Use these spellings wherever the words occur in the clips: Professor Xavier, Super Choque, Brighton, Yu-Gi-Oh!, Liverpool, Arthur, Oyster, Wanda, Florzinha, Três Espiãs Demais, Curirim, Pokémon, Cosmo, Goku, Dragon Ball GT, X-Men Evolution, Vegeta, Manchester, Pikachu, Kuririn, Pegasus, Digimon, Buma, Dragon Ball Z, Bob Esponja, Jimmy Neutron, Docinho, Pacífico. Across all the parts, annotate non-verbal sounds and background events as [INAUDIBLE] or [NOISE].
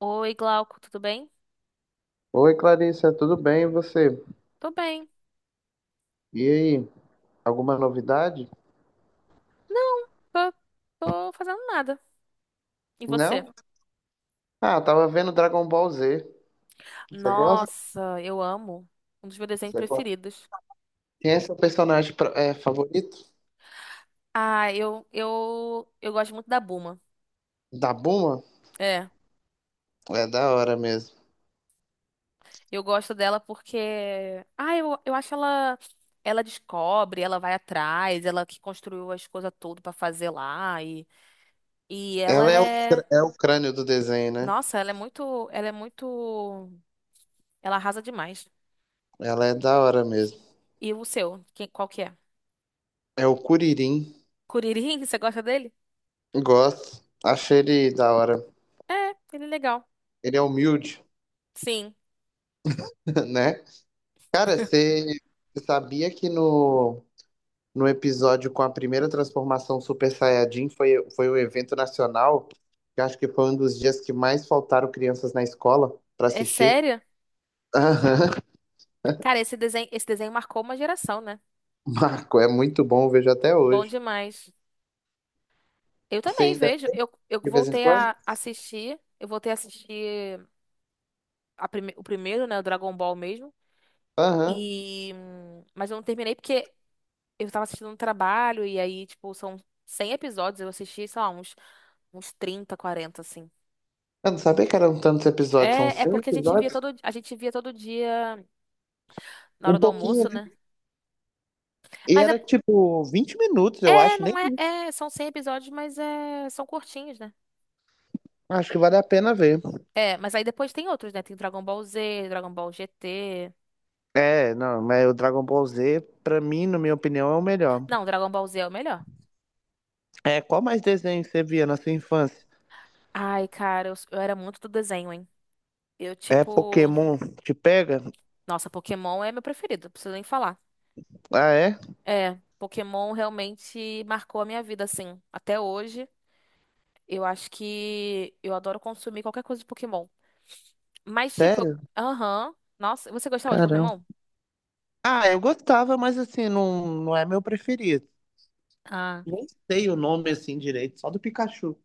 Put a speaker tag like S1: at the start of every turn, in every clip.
S1: Oi, Glauco, tudo bem?
S2: Oi, Clarissa, tudo bem? E você?
S1: Tô bem.
S2: E aí, alguma novidade?
S1: Não, tô, tô fazendo nada. E você?
S2: Não? Ah, tava vendo Dragon Ball Z. Você gosta?
S1: Nossa, eu amo. Um dos meus desenhos
S2: Você gosta?
S1: preferidos.
S2: Quem é seu personagem favorito?
S1: Ah, eu gosto muito da Buma.
S2: Da Bulma?
S1: É,
S2: É da hora mesmo.
S1: eu gosto dela porque eu acho ela. Ela descobre, ela vai atrás, ela que construiu as coisas todas pra fazer lá. E ela
S2: Ela é o, cr-
S1: é.
S2: é o crânio do desenho, né?
S1: Nossa, ela é muito. Ela é muito. Ela arrasa demais.
S2: Ela é da hora mesmo.
S1: E o seu? Quem, qual que é?
S2: É o Kuririn.
S1: Curirim, [LAUGHS] você gosta dele?
S2: Gosto. Achei ele da hora.
S1: É, ele é legal.
S2: Ele é humilde,
S1: Sim.
S2: [LAUGHS] né? Cara, você sabia que no episódio com a primeira transformação Super Saiyajin, foi um evento nacional, que eu acho que foi um dos dias que mais faltaram crianças na escola para
S1: É
S2: assistir.
S1: sério?
S2: Aham.
S1: Cara, esse desenho marcou uma geração, né?
S2: [LAUGHS] Marco, é muito bom, eu vejo até
S1: Bom
S2: hoje.
S1: demais. Eu
S2: Você
S1: também
S2: ainda
S1: vejo. Eu
S2: de vez em
S1: voltei
S2: quando?
S1: a assistir. Eu voltei a assistir o primeiro, né? O Dragon Ball mesmo.
S2: Aham.
S1: Mas eu não terminei porque eu tava assistindo um trabalho e aí, tipo, são 100 episódios. Eu assisti, sei lá, uns, uns 30, 40, assim.
S2: Eu não sabia que eram tantos episódios, são
S1: É, é
S2: cinco
S1: porque a gente via
S2: episódios?
S1: todo, a gente via todo dia na
S2: Um
S1: hora do
S2: pouquinho,
S1: almoço, né?
S2: né? E
S1: Mas é,
S2: era tipo 20 minutos, eu
S1: é,
S2: acho, nem.
S1: não é, é, são 100 episódios, mas é, são curtinhos, né?
S2: Acho que vale a pena ver.
S1: É, mas aí depois tem outros, né? Tem Dragon Ball Z, Dragon Ball GT.
S2: É, não, mas o Dragon Ball Z, pra mim, na minha opinião, é o melhor.
S1: Não, Dragon Ball Z é o melhor.
S2: É, qual mais desenho você via na sua infância?
S1: Ai, cara, eu era muito do desenho, hein? Eu,
S2: É
S1: tipo.
S2: Pokémon te pega?
S1: Nossa, Pokémon é meu preferido, não preciso nem falar.
S2: Ah, é?
S1: É, Pokémon realmente marcou a minha vida, assim. Até hoje, eu acho que eu adoro consumir qualquer coisa de Pokémon. Mas, tipo, eu-
S2: Sério?
S1: aham. Nossa, você gostava de
S2: Caramba.
S1: Pokémon?
S2: Ah, eu gostava, mas assim, não, não é meu preferido.
S1: Ah.
S2: Nem sei o nome assim direito, só do Pikachu.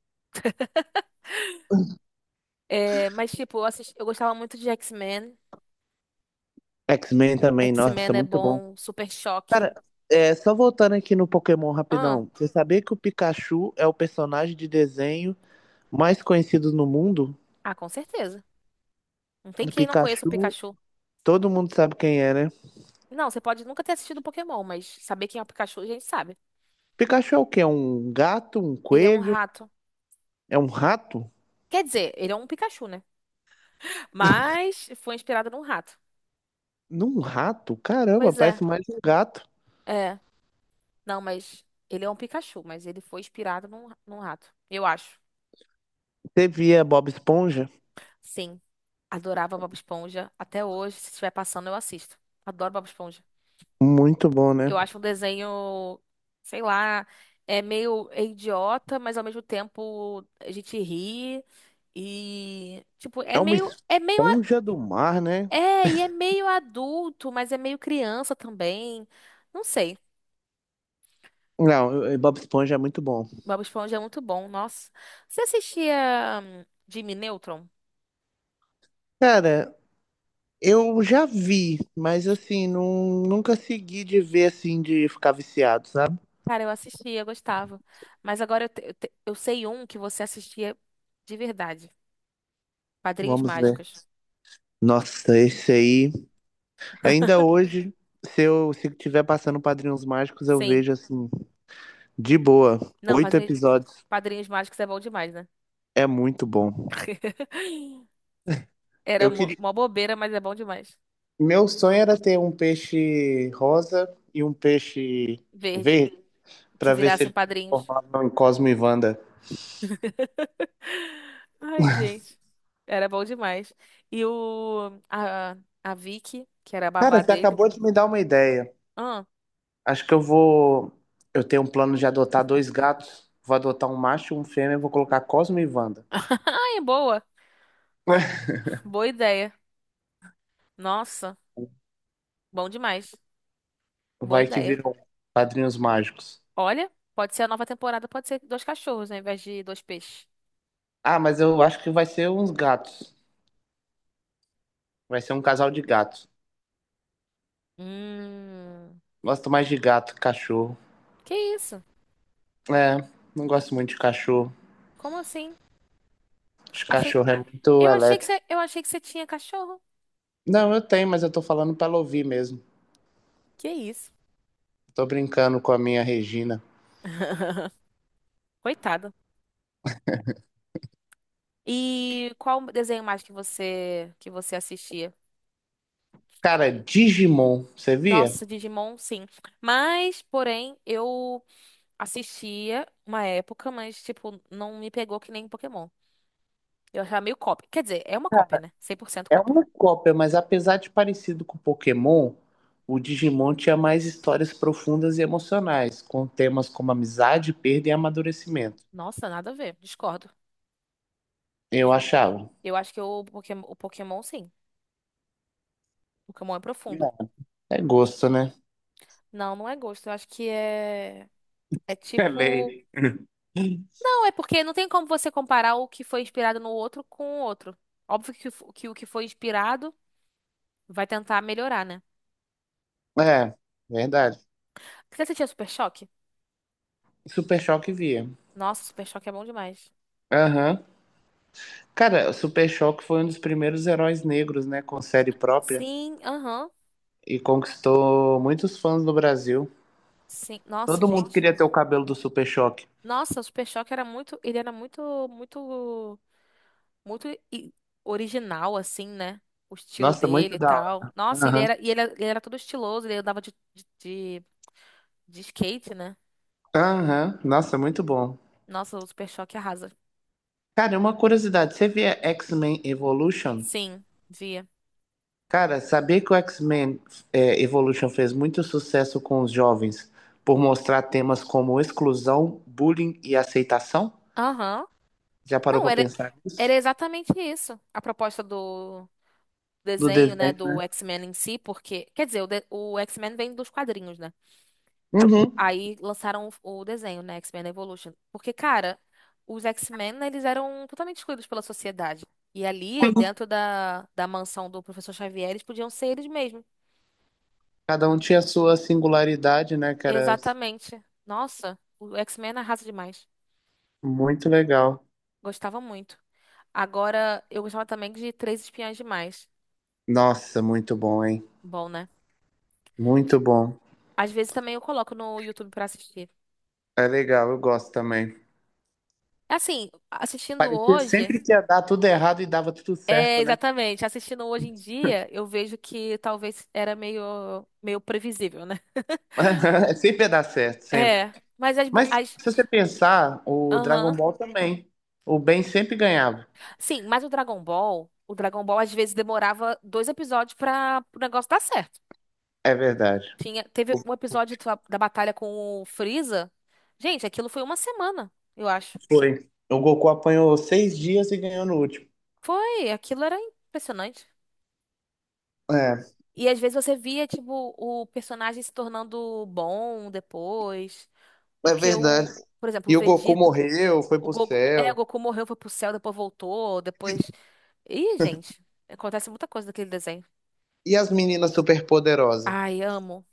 S1: É, mas, tipo, eu gostava muito de X-Men.
S2: X-Men também,
S1: X-Men
S2: nossa,
S1: é
S2: muito bom.
S1: bom, Super Choque.
S2: Cara, é, só voltando aqui no Pokémon
S1: Ah,
S2: rapidão. Você sabia que o Pikachu é o personagem de desenho mais conhecido no mundo?
S1: ah, com certeza. Não tem
S2: O
S1: quem não conheça o
S2: Pikachu,
S1: Pikachu.
S2: todo mundo sabe quem é, né?
S1: Não, você pode nunca ter assistido Pokémon, mas saber quem é o Pikachu a gente sabe.
S2: Pikachu é o quê? É um gato, um
S1: Ele é um
S2: coelho?
S1: rato.
S2: É um rato?
S1: Quer dizer, ele é um Pikachu, né? Mas foi inspirado num rato.
S2: Num rato? Caramba,
S1: Pois é,
S2: parece mais um gato.
S1: é. Não, mas ele é um Pikachu, mas ele foi inspirado num rato. Eu acho.
S2: Você via Bob Esponja?
S1: Sim, adorava Bob Esponja. Até hoje, se estiver passando, eu assisto. Adoro Bob Esponja.
S2: Muito bom, né?
S1: Eu acho um desenho, sei lá, é meio idiota, mas ao mesmo tempo a gente ri e tipo, é
S2: É uma
S1: meio é meio a-
S2: esponja do mar, né?
S1: é, e é meio adulto, mas é meio criança também. Não sei.
S2: Não, eu- Bob Esponja é muito bom.
S1: Bob Esponja é muito bom, nossa. Você assistia Jimmy Neutron?
S2: Cara, eu já vi, mas assim, não, nunca segui de ver assim, de ficar viciado, sabe?
S1: Cara, eu assistia, eu gostava. Mas agora eu, eu sei um que você assistia de verdade. Padrinhos
S2: Vamos ver.
S1: Mágicos.
S2: Nossa, esse aí. Ainda hoje, se tiver passando Padrinhos Mágicos, eu
S1: Sim.
S2: vejo assim, de boa.
S1: Não,
S2: Oito
S1: Padrinhos,
S2: episódios.
S1: Padrinhos Mágicos é bom demais, né?
S2: É muito bom.
S1: [LAUGHS] Era
S2: Eu
S1: mó
S2: queria.
S1: mó bobeira, mas é bom demais.
S2: Meu sonho era ter um peixe rosa e um peixe
S1: Verde.
S2: verde,
S1: Que
S2: pra ver se
S1: virassem
S2: eles
S1: padrinhos.
S2: transformavam em Cosmo e Wanda.
S1: [LAUGHS] Ai, gente. Era bom demais. E o... A, a Vicky, que era a
S2: Cara,
S1: babá
S2: você
S1: dele.
S2: acabou de me dar uma ideia.
S1: Ah.
S2: Acho que eu vou. Eu tenho um plano de adotar dois gatos. Vou adotar um macho e um fêmea, e vou colocar Cosmo e Wanda.
S1: [LAUGHS] Ai, boa.
S2: [LAUGHS]
S1: Boa ideia. Nossa. Bom demais. Boa
S2: Vai que
S1: ideia.
S2: viram padrinhos mágicos.
S1: Olha, pode ser a nova temporada, pode ser dois cachorros, né, ao invés de dois peixes.
S2: Ah, mas eu acho que vai ser uns gatos. Vai ser um casal de gatos.
S1: Hum.
S2: Gosto mais de gato que cachorro.
S1: Que isso?
S2: É, não gosto muito de cachorro.
S1: Como assim?
S2: Acho que
S1: Achei...
S2: cachorro é muito
S1: Eu achei que
S2: elétrico.
S1: você... Eu achei que você tinha cachorro.
S2: Não, eu tenho, mas eu tô falando pra ela ouvir mesmo.
S1: Que isso?
S2: Tô brincando com a minha Regina.
S1: [LAUGHS] Coitada. E qual desenho mais que você assistia?
S2: Cara, Digimon, você via?
S1: Nossa, Digimon, sim. Mas, porém, eu assistia uma época, mas, tipo, não me pegou que nem Pokémon. Eu achava meio cópia. Quer dizer, é uma cópia, né? 100%
S2: É
S1: cópia.
S2: uma cópia, mas apesar de parecido com Pokémon, o Digimon tinha mais histórias profundas e emocionais, com temas como amizade, perda e amadurecimento.
S1: Nossa, nada a ver. Discordo.
S2: Eu achava.
S1: Eu acho que o Pokémon, sim. O Pokémon é profundo.
S2: É gosto, né? [LAUGHS]
S1: Não, não é gosto. Eu acho que é. É
S2: É
S1: tipo.
S2: lei.
S1: Não, é porque não tem como você comparar o que foi inspirado no outro com o outro. Óbvio que, o que foi inspirado. Vai tentar melhorar, né?
S2: É, verdade.
S1: Você assistia Super Choque?
S2: Super Choque via.
S1: Nossa, Super Choque é bom demais.
S2: Aham. Cara, Super Choque foi um dos primeiros heróis negros, né, com série própria
S1: Sim, aham.
S2: e conquistou muitos fãs no Brasil.
S1: Sim. Nossa,
S2: Todo mundo
S1: gente.
S2: queria ter o cabelo do Super Choque.
S1: Nossa, o Super Choque era muito. Ele era muito i- original, assim, né? O estilo
S2: Nossa, muito
S1: dele e
S2: da hora.
S1: tal. Nossa, ele
S2: Aham.
S1: era, e ele era todo estiloso, ele andava de, de skate, né?
S2: Aham, nossa, muito bom.
S1: Nossa, o Super Choque arrasa.
S2: Cara, uma curiosidade, você via X-Men Evolution?
S1: Sim, via.
S2: Cara, sabia que o X-Men Evolution fez muito sucesso com os jovens por mostrar temas como exclusão, bullying e aceitação?
S1: Aham.
S2: Já parou
S1: Não,
S2: pra
S1: era,
S2: pensar
S1: era
S2: nisso?
S1: exatamente isso. A proposta do
S2: Do
S1: desenho, né,
S2: desenho?
S1: do X-Men em si, porque, quer dizer, o X-Men vem dos quadrinhos, né?
S2: Uhum.
S1: Aí lançaram o desenho, né, X-Men Evolution, porque, cara, os X-Men, né, eles eram totalmente excluídos pela sociedade. E ali, dentro da mansão do professor Xavier, eles podiam ser eles mesmos.
S2: Cada um tinha sua singularidade, né, cara?
S1: Exatamente. Nossa, o X-Men arrasa demais.
S2: Muito legal.
S1: Gostava muito. Agora, eu gostava também de Três Espiãs Demais.
S2: Nossa, muito bom, hein?
S1: Bom, né?
S2: Muito bom.
S1: Às vezes também eu coloco no YouTube pra assistir.
S2: É legal, eu gosto também.
S1: Assim, assistindo
S2: Parecia
S1: hoje,
S2: sempre que ia dar tudo errado e dava tudo certo,
S1: é,
S2: né?
S1: exatamente. Assistindo hoje em dia, eu vejo que talvez era meio, meio previsível, né? [LAUGHS]
S2: [LAUGHS] Sempre ia dar certo, sempre.
S1: É,
S2: Mas se você pensar, o Dragon
S1: aham.
S2: Ball também. O Ben sempre ganhava.
S1: Sim, mas o Dragon Ball às vezes demorava 2 episódios para o negócio dar certo.
S2: É verdade.
S1: Tinha, teve um episódio da batalha com o Freeza. Gente, aquilo foi uma semana, eu acho.
S2: Foi. O Goku apanhou 6 dias e ganhou no último.
S1: Foi, aquilo era impressionante.
S2: É,
S1: E às vezes você via, tipo, o personagem se tornando bom depois.
S2: é
S1: Porque
S2: verdade.
S1: o, por exemplo, o
S2: E o Goku
S1: Vegeta.
S2: morreu, foi pro
S1: O
S2: céu.
S1: Goku morreu, foi pro céu, depois voltou, depois. Ih, gente, acontece muita coisa naquele desenho.
S2: E as meninas superpoderosas?
S1: Ai, amo.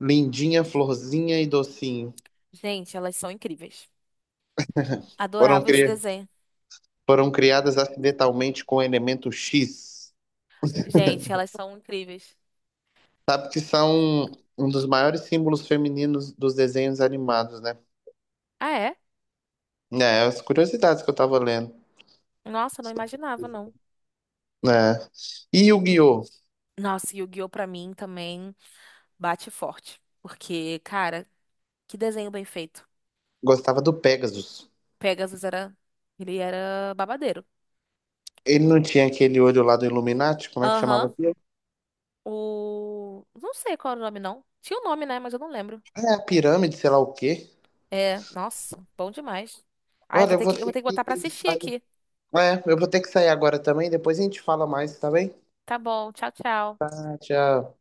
S2: Lindinha, Florzinha e Docinho.
S1: Gente, elas são incríveis.
S2: Foram,
S1: Adorava esse
S2: cri...
S1: desenho.
S2: foram criadas acidentalmente com o elemento X,
S1: Gente, elas são incríveis.
S2: que são um dos maiores símbolos femininos dos desenhos animados, né?
S1: Ah, é?
S2: É, as curiosidades que eu tava lendo.
S1: Nossa, não imaginava, não.
S2: É. E o Guiô
S1: Nossa, e o Yu-Gi-Oh! Pra mim também bate forte. Porque, cara, que desenho bem feito.
S2: gostava do Pegasus.
S1: Pegasus era. Ele era babadeiro.
S2: Ele não tinha aquele olho lá do Illuminati, como é que chamava
S1: Aham.
S2: aquilo?
S1: O. Não sei qual era o nome, não. Tinha o nome, né? Mas eu não lembro.
S2: É, a pirâmide, sei lá o quê.
S1: É, nossa, bom demais. Ai,
S2: Olha, eu vou
S1: eu vou
S2: ter
S1: ter que botar pra
S2: que
S1: assistir
S2: sair.
S1: aqui.
S2: É, eu vou ter que sair agora também, depois a gente fala mais, tá bem?
S1: Tá bom, tchau, tchau.
S2: Tchau.